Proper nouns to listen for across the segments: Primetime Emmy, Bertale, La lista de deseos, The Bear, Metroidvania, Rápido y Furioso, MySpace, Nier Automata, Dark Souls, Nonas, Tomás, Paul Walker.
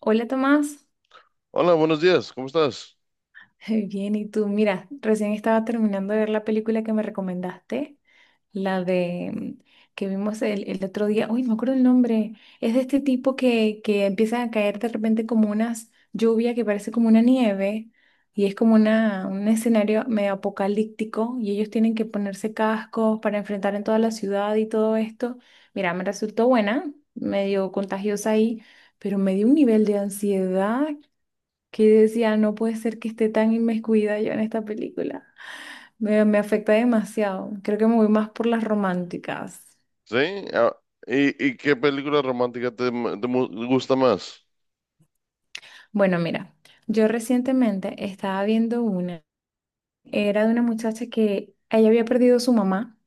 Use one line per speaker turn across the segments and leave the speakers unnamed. Hola Tomás.
Hola, buenos días, ¿cómo estás?
Bien, ¿y tú? Mira, recién estaba terminando de ver la película que me recomendaste, la de que vimos el otro día, uy, no me acuerdo el nombre, es de este tipo que empiezan a caer de repente como unas lluvia que parece como una nieve y es como una, un escenario medio apocalíptico y ellos tienen que ponerse cascos para enfrentar en toda la ciudad y todo esto. Mira, me resultó buena, medio contagiosa ahí, pero me dio un nivel de ansiedad que decía, no puede ser que esté tan inmiscuida yo en esta película. Me afecta demasiado. Creo que me voy más por las románticas.
¿Sí? ah, ¿Y qué película romántica te gusta más?
Bueno, mira, yo recientemente estaba viendo una. Era de una muchacha que ella había perdido a su mamá.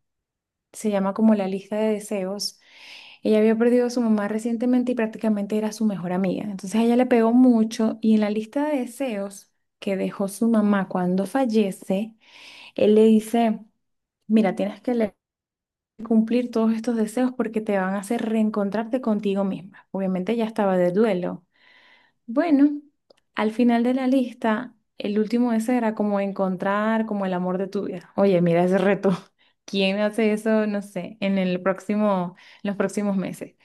Se llama como La lista de deseos. Ella había perdido a su mamá recientemente y prácticamente era su mejor amiga. Entonces a ella le pegó mucho y en la lista de deseos que dejó su mamá cuando fallece, él le dice, mira, tienes que leer. Cumplir todos estos deseos porque te van a hacer reencontrarte contigo misma. Obviamente ya estaba de duelo. Bueno, al final de la lista, el último deseo era como encontrar como el amor de tu vida. Oye, mira ese reto. ¿Quién hace eso? No sé, en el próximo, en los próximos meses.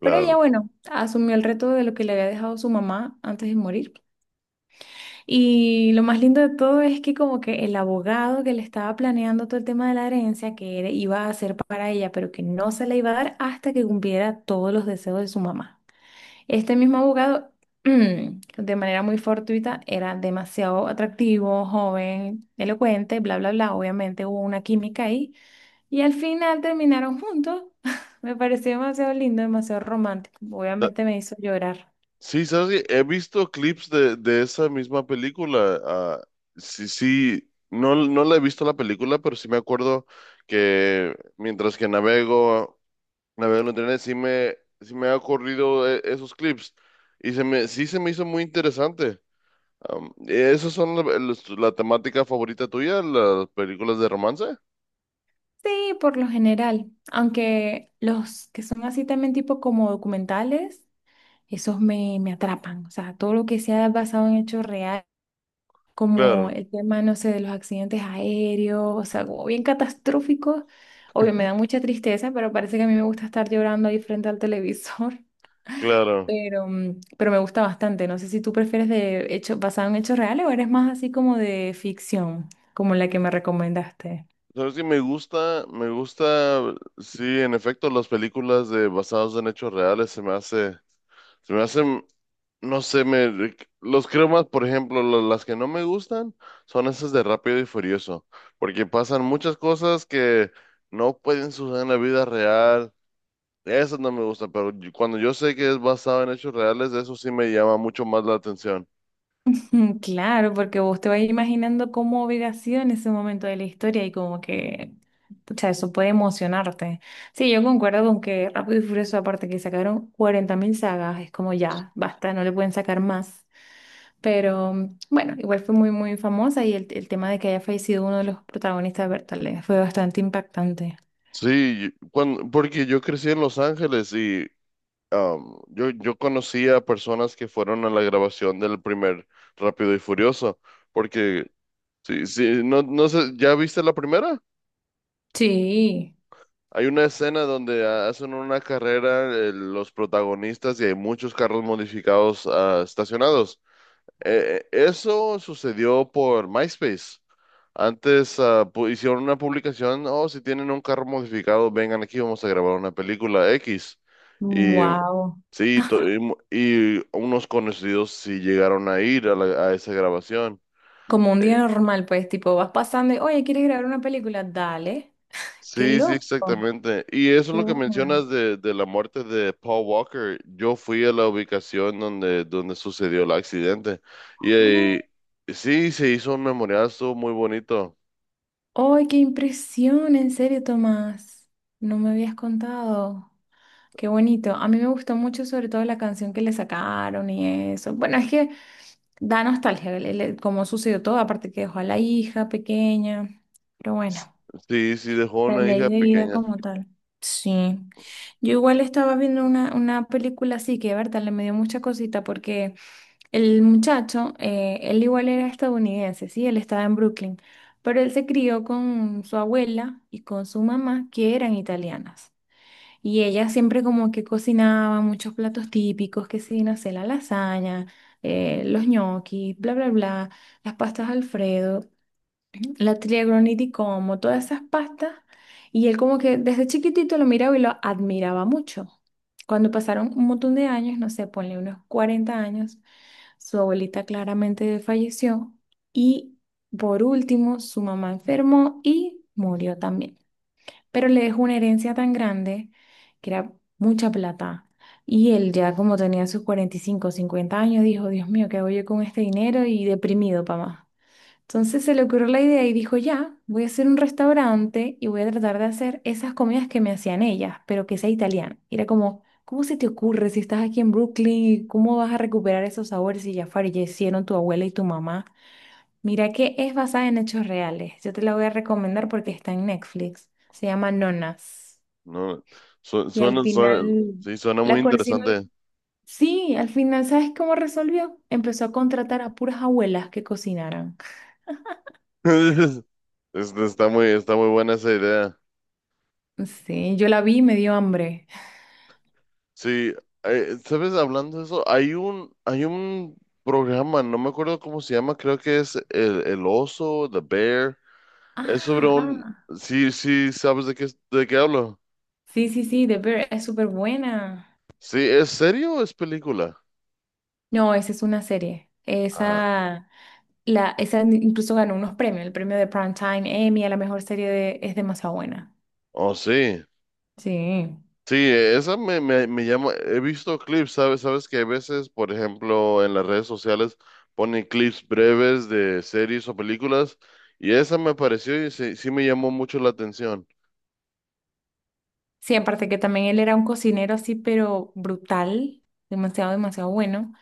Pero ella, bueno, asumió el reto de lo que le había dejado su mamá antes de morir y lo más lindo de todo es que como que el abogado que le estaba planeando todo el tema de la herencia que era- iba a hacer para ella, pero que no se la iba a dar hasta que cumpliera todos los deseos de su mamá. Este mismo abogado, de manera muy fortuita, era demasiado atractivo, joven, elocuente, bla, bla, bla. Obviamente hubo una química ahí y al final terminaron juntos. Me pareció demasiado lindo, demasiado romántico.
Ta-
Obviamente me hizo llorar.
Sí, ¿sabes qué? He visto clips de esa misma película. Sí, sí, no, no la he visto la película, pero sí me acuerdo que navego en internet, sí me ha ocurrido esos clips. Sí se me hizo muy interesante. ¿Esas son la temática favorita tuya, las películas de romance?
Sí, por lo general, aunque los que son así también tipo como documentales, esos me atrapan, o sea, todo lo que sea basado en hechos reales, como
Claro.
el tema, no sé, de los accidentes aéreos, o sea, como bien catastróficos, obvio, me da mucha tristeza, pero parece que a mí me gusta estar llorando ahí frente al televisor,
Claro.
pero, pero me gusta bastante, no sé si tú prefieres de hechos basado en hechos reales o eres más así como de ficción, como la que me recomendaste.
Sabes que me gusta, sí, en efecto, las películas de basadas en hechos reales se me hacen, no sé, me los creo más. Por ejemplo, las que no me gustan son esas de Rápido y Furioso, porque pasan muchas cosas que no pueden suceder en la vida real. Esas no me gustan, pero cuando yo sé que es basado en hechos reales, eso sí me llama mucho más la atención.
Claro, porque vos te vas imaginando cómo hubiera sido en ese momento de la historia y como que, pucha, eso puede emocionarte. Sí, yo concuerdo con que Rápido y Furioso, aparte que sacaron 40.000 sagas, es como ya, basta, no le pueden sacar más. Pero bueno, igual fue muy, muy famosa y el tema de que haya fallecido uno de los protagonistas de Bertale fue bastante impactante.
Sí, porque yo crecí en Los Ángeles y yo conocí a personas que fueron a la grabación del primer Rápido y Furioso, porque sí, sí, no, no sé, ¿ya viste la primera?
Sí,
Hay una escena donde hacen una carrera, los protagonistas, y hay muchos carros modificados estacionados. Eso sucedió por MySpace. Antes hicieron una publicación: oh, si tienen un carro modificado, vengan aquí, vamos a grabar una película X. Y
wow.
sí, y unos conocidos sí llegaron a ir a a esa grabación.
Como un
Eh,
día normal, pues, tipo, vas pasando y, oye, ¿quieres grabar una película? Dale. Qué
Sí, sí,
loco,
exactamente. Y eso es
qué
lo que
buena.
mencionas de la muerte de Paul Walker. Yo fui a la ubicación donde sucedió el accidente. Y,
Oh.
sí, se hizo un memorial, estuvo muy bonito.
¡Ay, qué impresión! En serio, Tomás. No me habías contado. Qué bonito. A mí me gustó mucho, sobre todo la canción que le sacaron y eso. Bueno, es que da nostalgia el cómo sucedió todo, aparte que dejó a la hija pequeña. Pero bueno,
Sí, sí, dejó
la
una
ley
hija
de vida
pequeña.
como tal. Sí. Yo igual estaba viendo una película así que, Berta, le me dio mucha cosita porque el muchacho, él igual era estadounidense, sí, él estaba en Brooklyn, pero él se crió con su abuela y con su mamá, que eran italianas. Y ella siempre como que cocinaba muchos platos típicos, que sí, no sé, la lasaña, los gnocchi, bla, bla, bla, las pastas Alfredo, la triagroni di Como, todas esas pastas. Y él como que desde chiquitito lo miraba y lo admiraba mucho. Cuando pasaron un montón de años, no sé, ponle unos 40 años. Su abuelita claramente falleció y por último su mamá enfermó y murió también. Pero le dejó una herencia tan grande que era mucha plata. Y él ya como tenía sus 45 o 50 años dijo, Dios mío, ¿qué hago yo con este dinero? Y deprimido, papá. Entonces se le ocurrió la idea y dijo, ya, voy a hacer un restaurante y voy a tratar de hacer esas comidas que me hacían ellas, pero que sea italiana. Y era como, ¿cómo se te ocurre si estás aquí en Brooklyn y cómo vas a recuperar esos sabores si ya fallecieron tu abuela y tu mamá? Mira que es basada en hechos reales. Yo te la voy a recomendar porque está en Netflix. Se llama Nonas.
No,
Y al
suena, suena,
final,
sí, suena muy
la cocina...
interesante.
Sí, al final, ¿sabes cómo resolvió? Empezó a contratar a puras abuelas que cocinaran.
Está muy buena esa idea.
Sí, yo la vi y me dio hambre.
Sí, ¿sabes? Hablando de eso, hay un programa, no me acuerdo cómo se llama, creo que es El Oso, The Bear. Es sobre
Ah,
un...
ajá.
Sí, sí, ¿sabes de qué hablo?
Sí, sí, sí, The Bear es súper buena.
Sí, ¿es serio o es película?
No, esa es una serie.
Ah,
Esa, la, esa incluso ganó unos premios, el premio de Primetime Emmy a la mejor serie de, es demasiado buena.
oh, sí.
Sí.
Sí, esa me llama, he visto clips, ¿sabes? Sabes que a veces, por ejemplo, en las redes sociales ponen clips breves de series o películas y esa me pareció y sí, sí me llamó mucho la atención.
Sí, aparte que también él era un cocinero así, pero brutal, demasiado, demasiado bueno.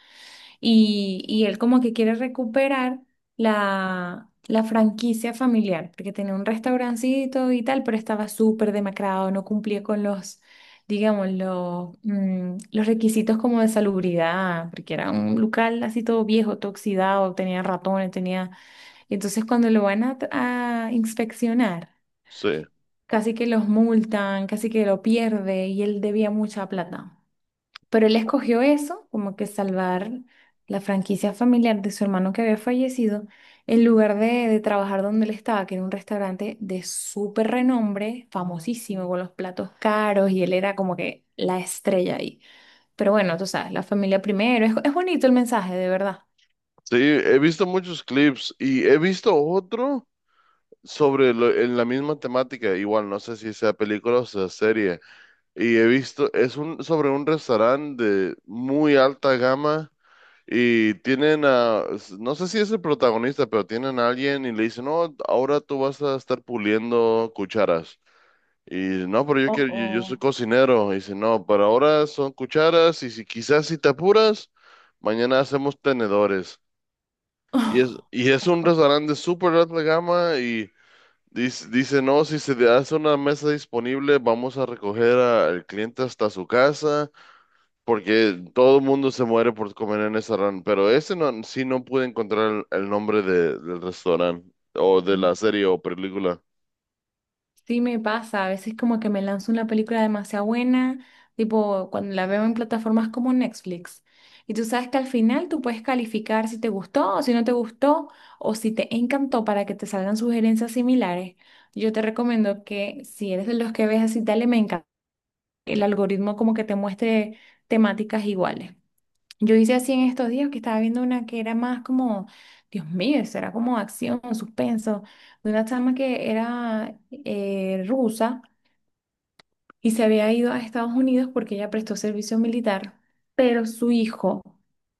Y él como que quiere recuperar la franquicia familiar, porque tenía un restaurancito y tal, pero estaba súper demacrado, no cumplía con los, digamos, los, los requisitos como de salubridad, porque era un local así todo viejo, todo oxidado, tenía ratones, tenía... Y entonces cuando lo van a inspeccionar,
Sí.
casi que los multan, casi que lo pierde y él debía mucha plata. Pero él escogió eso, como que salvar la franquicia familiar de su hermano que había fallecido, en lugar de trabajar donde él estaba, que era un restaurante de súper renombre, famosísimo, con los platos caros, y él era como que la estrella ahí. Pero bueno, tú sabes, la familia primero, es bonito el mensaje, de verdad.
Sí, he visto muchos clips y he visto otro sobre en la misma temática, igual no sé si sea película o sea serie, y he visto, es un, sobre un restaurante de muy alta gama y tienen a, no sé si es el protagonista, pero tienen a alguien y le dicen: no, ahora tú vas a estar puliendo cucharas. Y no, pero yo
Oh,
quiero, yo soy
oh.
cocinero. Y dice: no, pero ahora son cucharas y quizás si te apuras, mañana hacemos tenedores. Y es un restaurante súper alta gama y dice: no, si se le hace una mesa disponible, vamos a recoger al cliente hasta su casa, porque todo el mundo se muere por comer en ese restaurante. Pero ese no, sí no pude encontrar el nombre del restaurante o de la serie o película.
Sí me pasa, a veces como que me lanzo una película demasiado buena, tipo cuando la veo en plataformas como Netflix. Y tú sabes que al final tú puedes calificar si te gustó o si no te gustó o si te encantó para que te salgan sugerencias similares. Yo te recomiendo que si eres de los que ves así, dale me encanta, el algoritmo como que te muestre temáticas iguales. Yo hice así en estos días que estaba viendo una que era más como, Dios mío, eso era como acción, suspenso, de una chama que era rusa y se había ido a Estados Unidos porque ella prestó servicio militar, pero su hijo,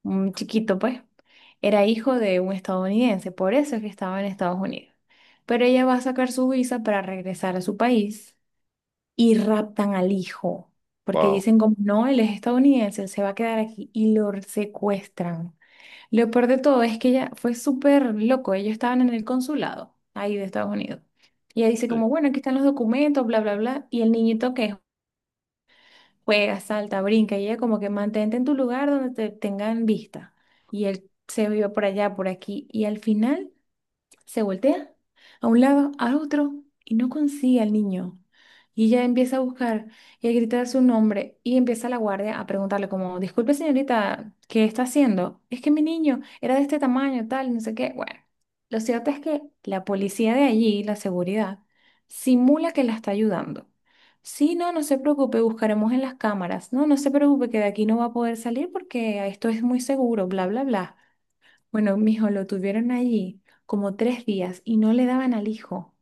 un chiquito pues, era hijo de un estadounidense, por eso es que estaba en Estados Unidos. Pero ella va a sacar su visa para regresar a su país y raptan al hijo, porque
Wow,
dicen como, no, él es estadounidense, él se va a quedar aquí y lo secuestran. Lo peor de todo es que ella fue súper loco. Ellos estaban en el consulado ahí de Estados Unidos. Y ella dice
sí,
como, bueno, aquí están los documentos, bla, bla, bla. Y el niñito que juega, salta, brinca, y ella como que mantente en tu lugar donde te tengan vista. Y él se vio por allá, por aquí. Y al final se voltea a un lado, a otro, y no consigue al niño. Y ella empieza a buscar y a gritar su nombre y empieza la guardia a preguntarle como, disculpe señorita, ¿qué está haciendo? Es que mi niño era de este tamaño, tal, no sé qué. Bueno, lo cierto es que la policía de allí, la seguridad, simula que la está ayudando. Sí, no, no se preocupe, buscaremos en las cámaras. No, no se preocupe que de aquí no va a poder salir porque esto es muy seguro, bla, bla, bla. Bueno, mijo, lo tuvieron allí como 3 días y no le daban al hijo.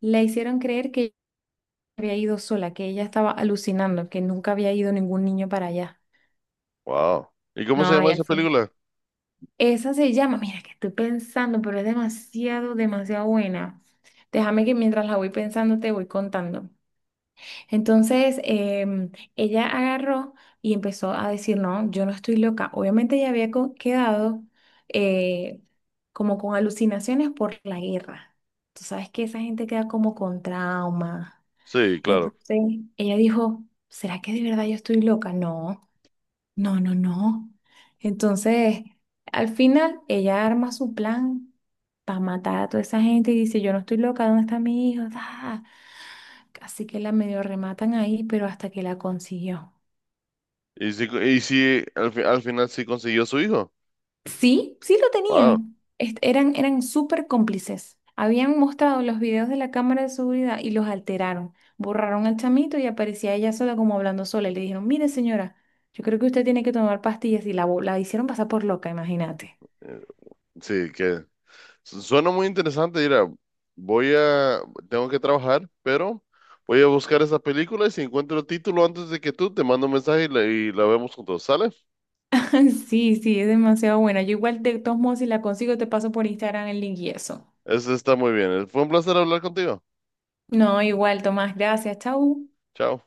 Le hicieron creer que había ido sola, que ella estaba alucinando, que nunca había ido ningún niño para allá.
wow. ¿Y cómo se
No,
llama
y al
esa
fin.
película?
Esa se llama, mira que estoy pensando, pero es demasiado, demasiado buena. Déjame que mientras la voy pensando te voy contando. Entonces, ella agarró y empezó a decir, no, yo no estoy loca. Obviamente ella había co- quedado eh, como con alucinaciones por la guerra. Tú sabes que esa gente queda como con trauma.
Sí, claro.
Entonces, ella dijo, ¿será que de verdad yo estoy loca? No, no, no, no. Entonces, al final, ella arma su plan para matar a toda esa gente y dice, yo no estoy loca, ¿dónde está mi hijo? Ah. Así que la medio rematan ahí, pero hasta que la consiguió.
Y si al final sí consiguió su hijo.
Sí, sí lo
Wow.
tenían. Est- eran eran súper cómplices. Habían mostrado los videos de la cámara de seguridad y los alteraron. Borraron al chamito y aparecía ella sola como hablando sola. Y le dijeron, mire señora, yo creo que usted tiene que tomar pastillas y la, bo- la hicieron pasar por loca, imagínate.
Sí, que suena muy interesante. Mira, voy a, tengo que trabajar, pero voy a buscar esa película y si encuentro el título antes de que tú, te mando un mensaje y y la vemos juntos, ¿sale?
Sí, sí, es demasiado buena. Yo igual de todos modos, si la consigo, te paso por Instagram el link y eso.
Eso está muy bien. Fue un placer hablar contigo.
No, igual, Tomás, gracias, chau.
Chao.